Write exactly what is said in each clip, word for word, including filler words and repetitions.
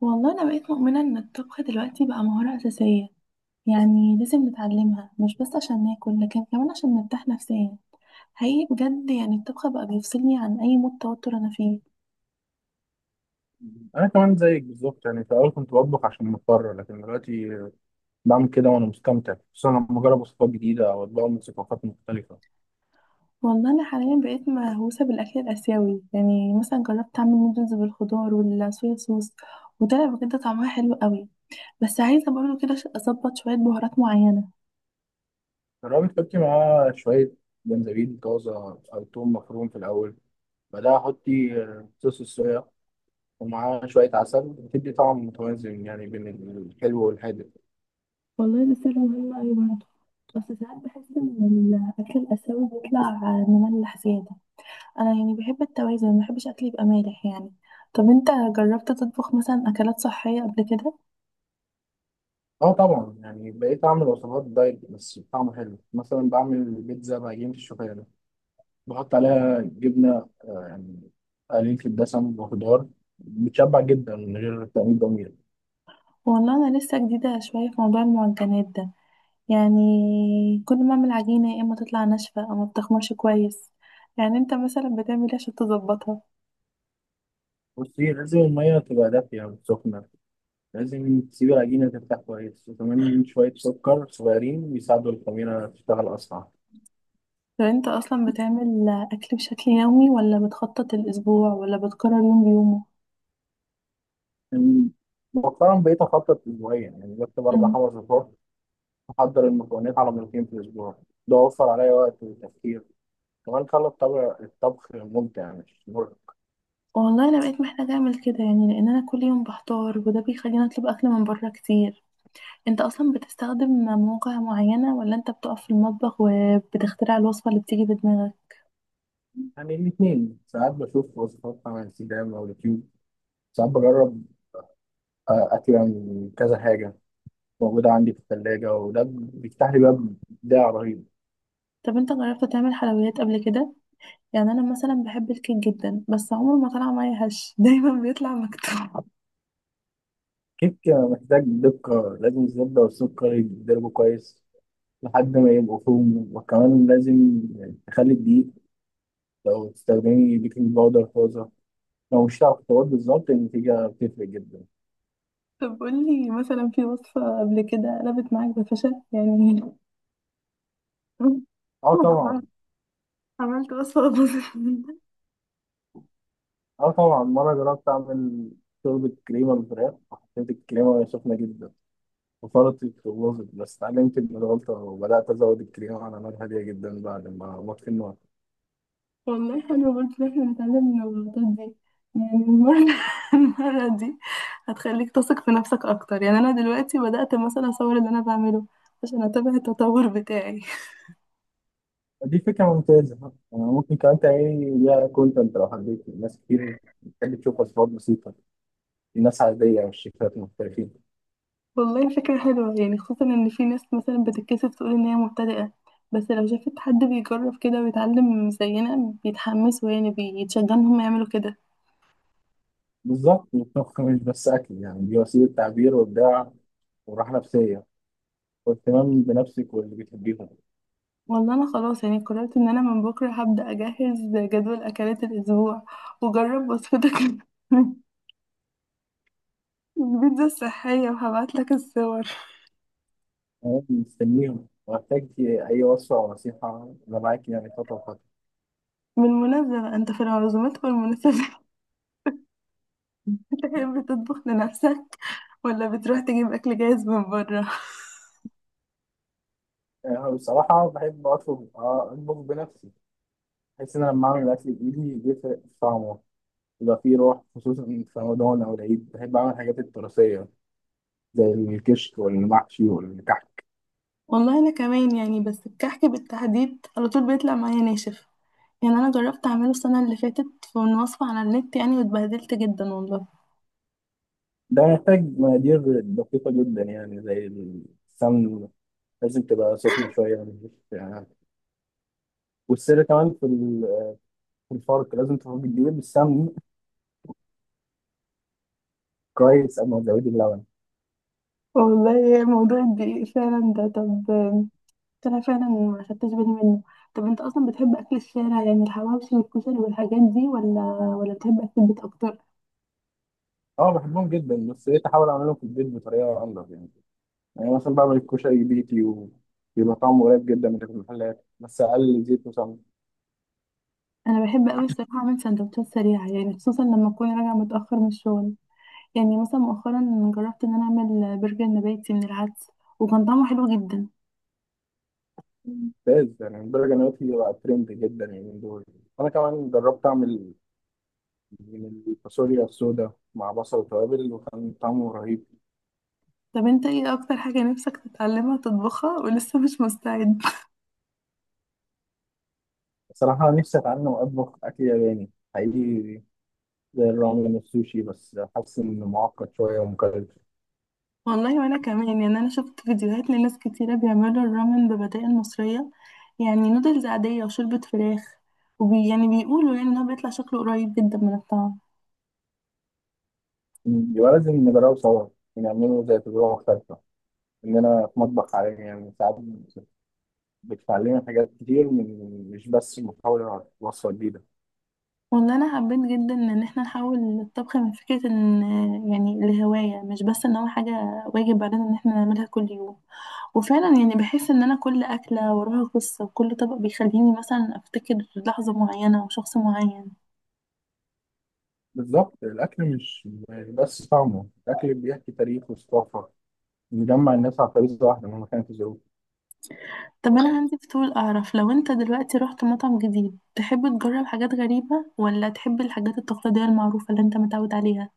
والله أنا بقيت مؤمنة إن الطبخ دلوقتي بقى مهارة أساسية، يعني لازم نتعلمها مش بس عشان ناكل لكن كمان عشان نرتاح نفسيا. حقيقي بجد يعني الطبخ بقى بيفصلني عن أي مود توتر أنا فيه. انا كمان زيك بالظبط، يعني في الاول كنت بطبخ عشان مضطر، لكن دلوقتي بعمل كده وانا مستمتع، خصوصا لما اجرب وصفات جديده او اطباق من ثقافات مختلفه. والله أنا حاليا بقيت مهووسة بالأكل الآسيوي، يعني مثلا جربت أعمل نودلز بالخضار والصويا صوص، وطلع بجد طعمها حلو قوي. بس عايزة برضه كده ش- أظبط شوية بهارات معينة. جربت تحطي معاه شويه جنزبيل طازه او توم مفروم في الاول، بعدها حطي آه، صوص الصويا ومعاه شويه عسل، بتدي طعم متوازن يعني بين الحلو والحادق. والله ده سر مهم أوي برضه، بس ساعات بحس إن الأكل الآسيوي بيطلع مملح زيادة. انا يعني بحب التوازن، ما بحبش اكلي يبقى مالح يعني. طب انت جربت تطبخ مثلا اكلات صحيه قبل كده؟ اه طبعا، يعني بقيت اعمل وصفات دايت بس بطعم حلو، مثلا بعمل بيتزا بعجينه الشوفان، بحط عليها جبنة آه، يعني قليل في الدسم وخضار، بتشبع جدا من غير تأمين ضمير. والله انا لسه جديده شويه في موضوع المعجنات ده، يعني كل ما اعمل عجينه يا اما تطلع ناشفه او ما بتخمرش كويس. يعني انت مثلا بتعمل ايه عشان تظبطها؟ بصي، لازم المية تبقى دافية وسخنة، لازم تسيب العجينة ترتاح كويس، وكمان شوية سكر صغيرين يساعدوا الخميرة تشتغل أسرع. طب انت اصلا بتعمل اكل بشكل يومي ولا بتخطط الاسبوع ولا بتكرر يوم بيومه؟ يعني مؤخرا بقيت أخطط أسبوعيا، يعني بكتب أربع مم. خمس صفار، أحضر المكونات على مرتين في الأسبوع. ده وفر عليا وقت وتفكير، كمان خلى الطبخ الطبخ ممتع مش مرهق. والله انا بقيت محتاجه اعمل كده يعني، لان انا كل يوم بحتار وده بيخليني اطلب اكل من بره كتير. انت اصلا بتستخدم مواقع معينة ولا انت بتقف في المطبخ وبتخترع الوصفة اللي بتيجي في دماغك؟ يعني الاتنين، ساعات بشوف وصفات على انستجرام أو يوتيوب، ساعات بجرب آه، أكلة من كذا حاجة موجودة عندي في الثلاجة، وده بيفتح لي باب إبداع رهيب. طب انت جربت تعمل حلويات قبل كده؟ يعني انا مثلا بحب الكيك جدا بس عمره ما طلع معايا هش دايما بيطلع مكتوب. كيك محتاج دقة، لازم الزبدة والسكر يتضربوا كويس لحد ما يبقوا فوم، وكمان لازم تخلي الدقيق، لو تستخدمي بيكنج باودر طازة لو مش هتعرف تقول بالظبط، النتيجة بتفرق جدا. طب قولي مثلا في وصفة قبل كده قلبت معاك بفشل يعني؟ اه طبعا. عملت وصفة باظت؟ اه طبعا، مرة جربت أعمل شوربة كريمة بالفراخ، وحطيت الكريمة سخنة جدا وفرطي في الوظف، بس اتعلمت من الغلطة وبدأت أزود الكريمة على نار هادية جدا بعد ما أطفي النار. والله حلو برضه إن احنا نتعلم من الغلطات دي. يعني المرة المرة دي هتخليك تثق في نفسك أكتر، يعني أنا دلوقتي بدأت مثلا أصور اللي أنا بعمله عشان أتابع التطور بتاعي. دي فكرة ممتازة، يعني ممكن كمان تعملي ليها كونتنت لو حبيت، ناس كتير بتحب تشوف وصفات بسيطة، الناس عادية والشيفات محترفين. والله فكرة حلوة، يعني خصوصا إن في ناس مثلا بتتكسف تقول إن هي مبتدئة، بس لو شافت حد بيجرب كده ويتعلم زينا بيتحمسوا يعني بيتشجعوا إن هم يعملوا كده. بالظبط، الطبخ مش بس أكل، يعني دي وسيلة تعبير وإبداع وراحة نفسية، واهتمام بنفسك واللي بتحبيهم. والله أنا خلاص يعني قررت إن أنا من بكرة هبدأ أجهز جدول أكلات الأسبوع وجرب وصفتك، البيتزا الصحية، وهبعت لك الصور. أنا مستنيهم، وأحتاج أي وصفة أو نصيحة أنا معاك يعني خطوة بخطوة. بالمناسبة بقى انت في العزومات والمناسبات بتحب تطبخ لنفسك ولا بتروح تجيب أكل جاهز من بره؟ يعني أنا بصراحة بحب أطلب أطبخ بنفسي، بحس إن أنا لما أعمل الأكل بإيدي بيفرق في طعمه، بيبقى فيه روح. خصوصا في رمضان أو العيد بحب أعمل الحاجات التراثية زي الكشك والمحشي والكحك. والله أنا كمان يعني، بس الكحك بالتحديد على طول بيطلع معايا ناشف، يعني أنا جربت أعمله السنة اللي فاتت في من وصفة على النت يعني واتبهدلت جدا والله. ده محتاج مقادير دقيقة جدا، يعني زي السمن لازم تبقى سخنة شوية مش- يعني. والسر كمان في ال- في الفرق، لازم تفرق الدقيق بالسمن كويس قبل ما تزودي اللبن. والله موضوع الدقيق فعلا ده، طب أنا فعلا ما خدتش بالي منه. طب انت اصلا بتحب اكل الشارع يعني الحواوشي والكشري والحاجات دي، ولا ولا بتحب اكل البيت اكتر؟ اه بحبهم جدا، بس بقيت احاول اعملهم في البيت بطريقه انضف يعني. يعني مثلا بعمل الكشري بيتي وبيبقى طعمه قريب جدا من اللي في المحلات، بس اقل زيت وسمنه. انا بحب قوي الصراحه اعمل سندوتشات سريعه، يعني خصوصا لما اكون راجعه متاخر من الشغل. يعني مثلا مؤخرا جربت ان انا اعمل برجر نباتي من العدس وكان طعمه حلو جدا. ممتاز، يعني البرجر دلوقتي بقى ترند جدا، يعني من دول. انا كمان جربت اعمل من الفاصوليا السوداء مع بصل وتوابل، وكان طعمه رهيب. طب انت ايه اكتر حاجه نفسك تتعلمها تطبخها ولسه مش مستعد؟ صراحة نفسي اتعلم اطبخ اكل ياباني حقيقي، زي الرامن والسوشي، بس حاسس انه معقد شوية ومكلف. والله وانا كمان يعني، انا شفت فيديوهات لناس كتيره بيعملوا الرامن ببدائل مصريه، يعني نودلز عاديه وشوربه فراخ، وبي يعني بيقولوا يعني ان هو بيطلع شكله قريب جدا من الطعم. يبقى لازم نجربه سوا، ونعمله زي تجربة مختلفة اننا في مطبخ عالمي. يعني ساعات بتعلمنا حاجات كتير، من مش بس محاولة وصفة جديدة. والله انا حبيت جدا ان احنا نحول الطبخ من فكره ان يعني لهوايه، مش بس ان هو حاجه واجب علينا ان احنا نعملها كل يوم. وفعلا يعني بحس ان انا كل اكله وراها قصه وكل طبق بيخليني مثلا افتكر لحظه معينه او شخص معين. بالظبط، الأكل مش يعني بس طعمه، الأكل بيحكي تاريخ وثقافة، بيجمع الناس على خريطة واحدة مهما كانت الظروف. طب انا عندي فضول اعرف، لو انت دلوقتي رحت مطعم جديد تحب تجرب حاجات غريبه ولا تحب الحاجات التقليديه المعروفه اللي انت متعود عليها؟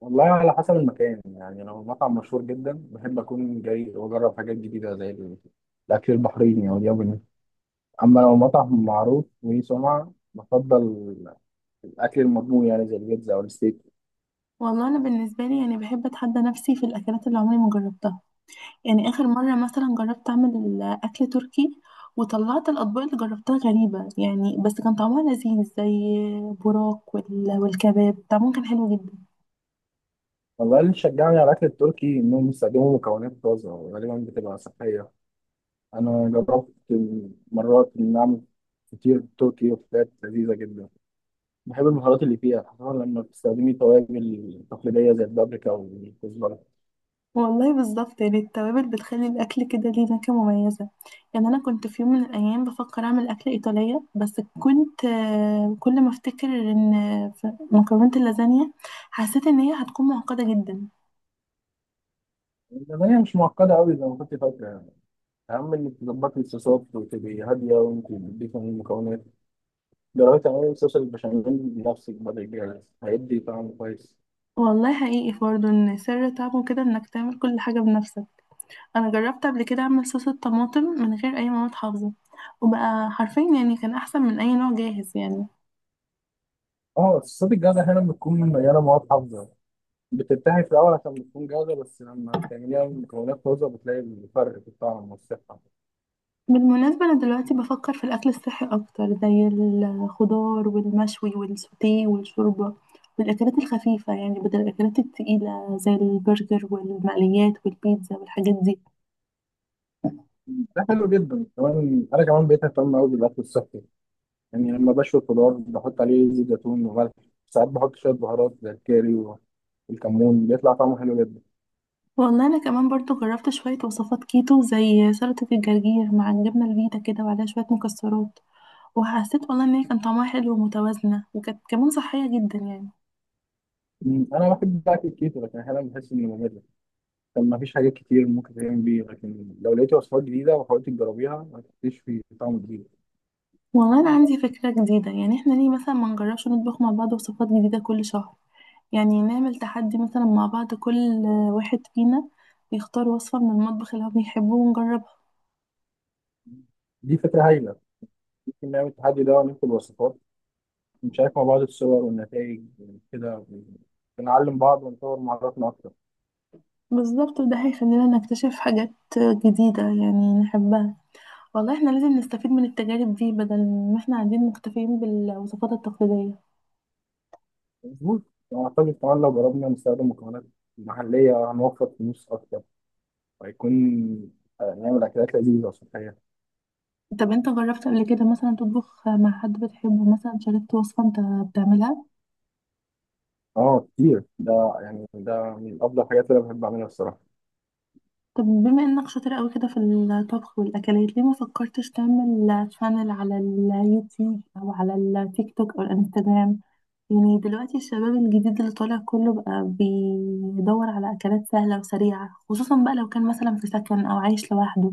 والله على حسب المكان، يعني لو مطعم مشهور جدا بحب أكون جاي وأجرب حاجات جديدة زي ال- الأكل البحريني أو الياباني. أما لو مطعم معروف وليه سمعة، بفضل الأكل المضمون، يعني زي البيتزا أو الستيك. والله انا بالنسبه لي يعني بحب اتحدى نفسي في الاكلات اللي عمري ما جربتها. يعني آخر مرة مثلا جربت أعمل أكل تركي، وطلعت الأطباق اللي جربتها غريبة يعني، بس كان طعمها لذيذ، زي براك وال- والكباب طعمهم كان حلو جدا. والله اللي شجعني على الأكل التركي إنهم بيستخدموا مكونات طازة وغالبا بتبقى صحية. أنا جربت مرات إن أعمل فطير تركي وفطيرات لذيذة جدا، بحب المهارات اللي فيها، خصوصا لما بتستخدمي توابل تقليدية زي البابريكا والكزبرة. والله بالظبط، يعني التوابل بتخلي الأكل كده ليه نكهة مميزة. يعني أنا كنت في يوم من الأيام بفكر أعمل أكلة إيطالية، بس كنت آه، كل ما أفتكر إن في مكرونة اللازانيا حسيت إن هي هتكون معقدة جدا. لأن هي مش معقدة أوي زي ما كنت فاكرة يعني، أهم إنك تظبطي الصوصات وتبقي هادية وأنت بتضيفي المكونات. جربي تعملي صوص البشاميل بنفسك بدل الجاهز، هيدي طعم كويس. والله حقيقي برضه إن سر طعمه كده إنك تعمل كل حاجة بنفسك. انا جربت قبل كده اعمل صوص الطماطم من غير اي مواد حافظه، وبقى حرفيا يعني كان احسن من اي نوع جاهز يعني. اه، الصوصات الجاهزة أحيانا بتكون مليانة مواد حافظة، بتنتهي في الأول عشان بتكون جاهزة، بس لما بتعمليها من مكونات طازة بتلاقي الفرق في الطعم والصحة. بالمناسبة أنا دلوقتي بفكر في الأكل الصحي أكتر، زي الخضار والمشوي والسوتيه والشوربة والأكلات الخفيفة، يعني بدل الأكلات التقيلة زي البرجر والمقليات والبيتزا والحاجات دي. ده حلو جدا، كمان أنا كمان بقيت أهتم أوي بالأكل الصحي. يعني لما بشوي الخضار بحط عليه زيت زيتون وملح، ساعات بحط شوية بهارات زي الكاري والكمون، بيطلع طعمه حلو جدا. والله أنا كمان برضو جربت شوية وصفات كيتو، زي سلطة الجرجير مع الجبنة الفيتا كده وعليها شوية مكسرات، وحسيت والله إن هي كان طعمها حلو ومتوازنة، وكانت كمان صحية جدا يعني. مم، أنا بحب أكل الكيتو، لكن أحيانا بحس إنه ممل، كان مفيش حاجات كتير ممكن تتعمل بيه. لكن لو لقيت وصفات جديدة وحاولت تجربيها هتكتشفي طعم جديد. والله أنا عندي فكرة جديدة، يعني احنا ليه مثلا ما نجربش نطبخ مع بعض وصفات جديدة كل شهر؟ يعني نعمل تحدي مثلا مع بعض، كل واحد فينا يختار وصفة من المطبخ اللي هو بيحبه ونجربها. دي فكرة هايلة، ممكن نعمل التحدي ده ونكتب وصفات، ونشارك مع بعض الصور والنتائج. كده بنعلم بعض ونطور مهاراتنا أكتر. بالظبط، وده هيخلينا نكتشف حاجات جديدة يعني نحبها. والله احنا لازم نستفيد من التجارب دي، بدل ما احنا قاعدين مكتفيين بالوصفات التقليدية. مظبوط، أعتقد كمان لو جربنا نستخدم مكونات محلية هنوفر فلوس أكتر، وهيكون آه، نعمل أكلات لذيذة صحية. طب انت جربت قبل كده مثلا تطبخ مع حد بتحبه، مثلا شاركت وصفة انت بتعملها؟ اه كتير ده، يعني ده من أفضل الحاجات اللي أنا بحب أعملها الصراحة. طب بما انك شاطر قوي كده في الطبخ والاكلات، ليه ما فكرتش تعمل شانل على اليوتيوب او على التيك توك او الانستجرام؟ يعني دلوقتي الشباب الجديد اللي طالع كله بقى بيدور على اكلات سهله وسريعه، خصوصا بقى لو كان مثلا في سكن او عايش لوحده.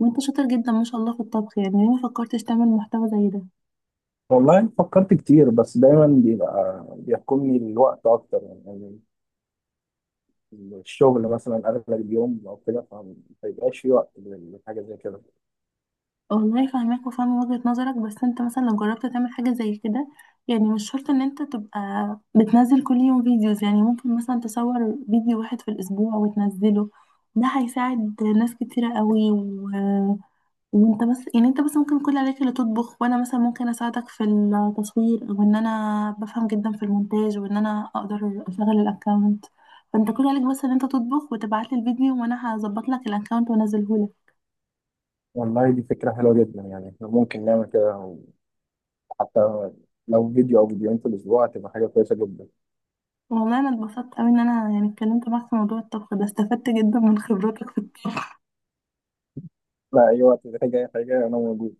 وانت شاطر جدا ما شاء الله في الطبخ، يعني ليه ما فكرتش تعمل محتوى زي ده؟ والله فكرت كتير، بس دايما بيبقى بيحكمني الوقت أكتر، يعني يعني الشغل مثلا أغلب اليوم أو كده، فما بيبقاش في وقت لحاجة زي كده. والله فاهماك وفاهمة وجهة نظرك، بس انت مثلا لو جربت تعمل حاجة زي كده، يعني مش شرط ان انت تبقى بتنزل كل يوم فيديوز، يعني ممكن مثلا تصور فيديو واحد في الاسبوع وتنزله. ده هيساعد ناس كتيرة قوي و... وانت بس يعني انت بس ممكن كل عليك اللي تطبخ، وانا مثلا ممكن اساعدك في التصوير، او ان انا بفهم جدا في المونتاج وان انا اقدر اشغل الاكونت. فانت كل عليك بس ان انت تطبخ وتبعت لي الفيديو، وانا هظبط لك الاكونت وانزله لك. والله دي فكرة حلوة جدا، يعني احنا ممكن نعمل كده حتى لو فيديو أو فيديوهين في الأسبوع، هتبقى حاجة كويسة جدا. والله انا اتبسطت قوي ان انا يعني اتكلمت معاك في موضوع الطبخ ده، استفدت جدا من خبراتك في الطبخ. لا، أي وقت محتاج أي حاجة أنا موجود.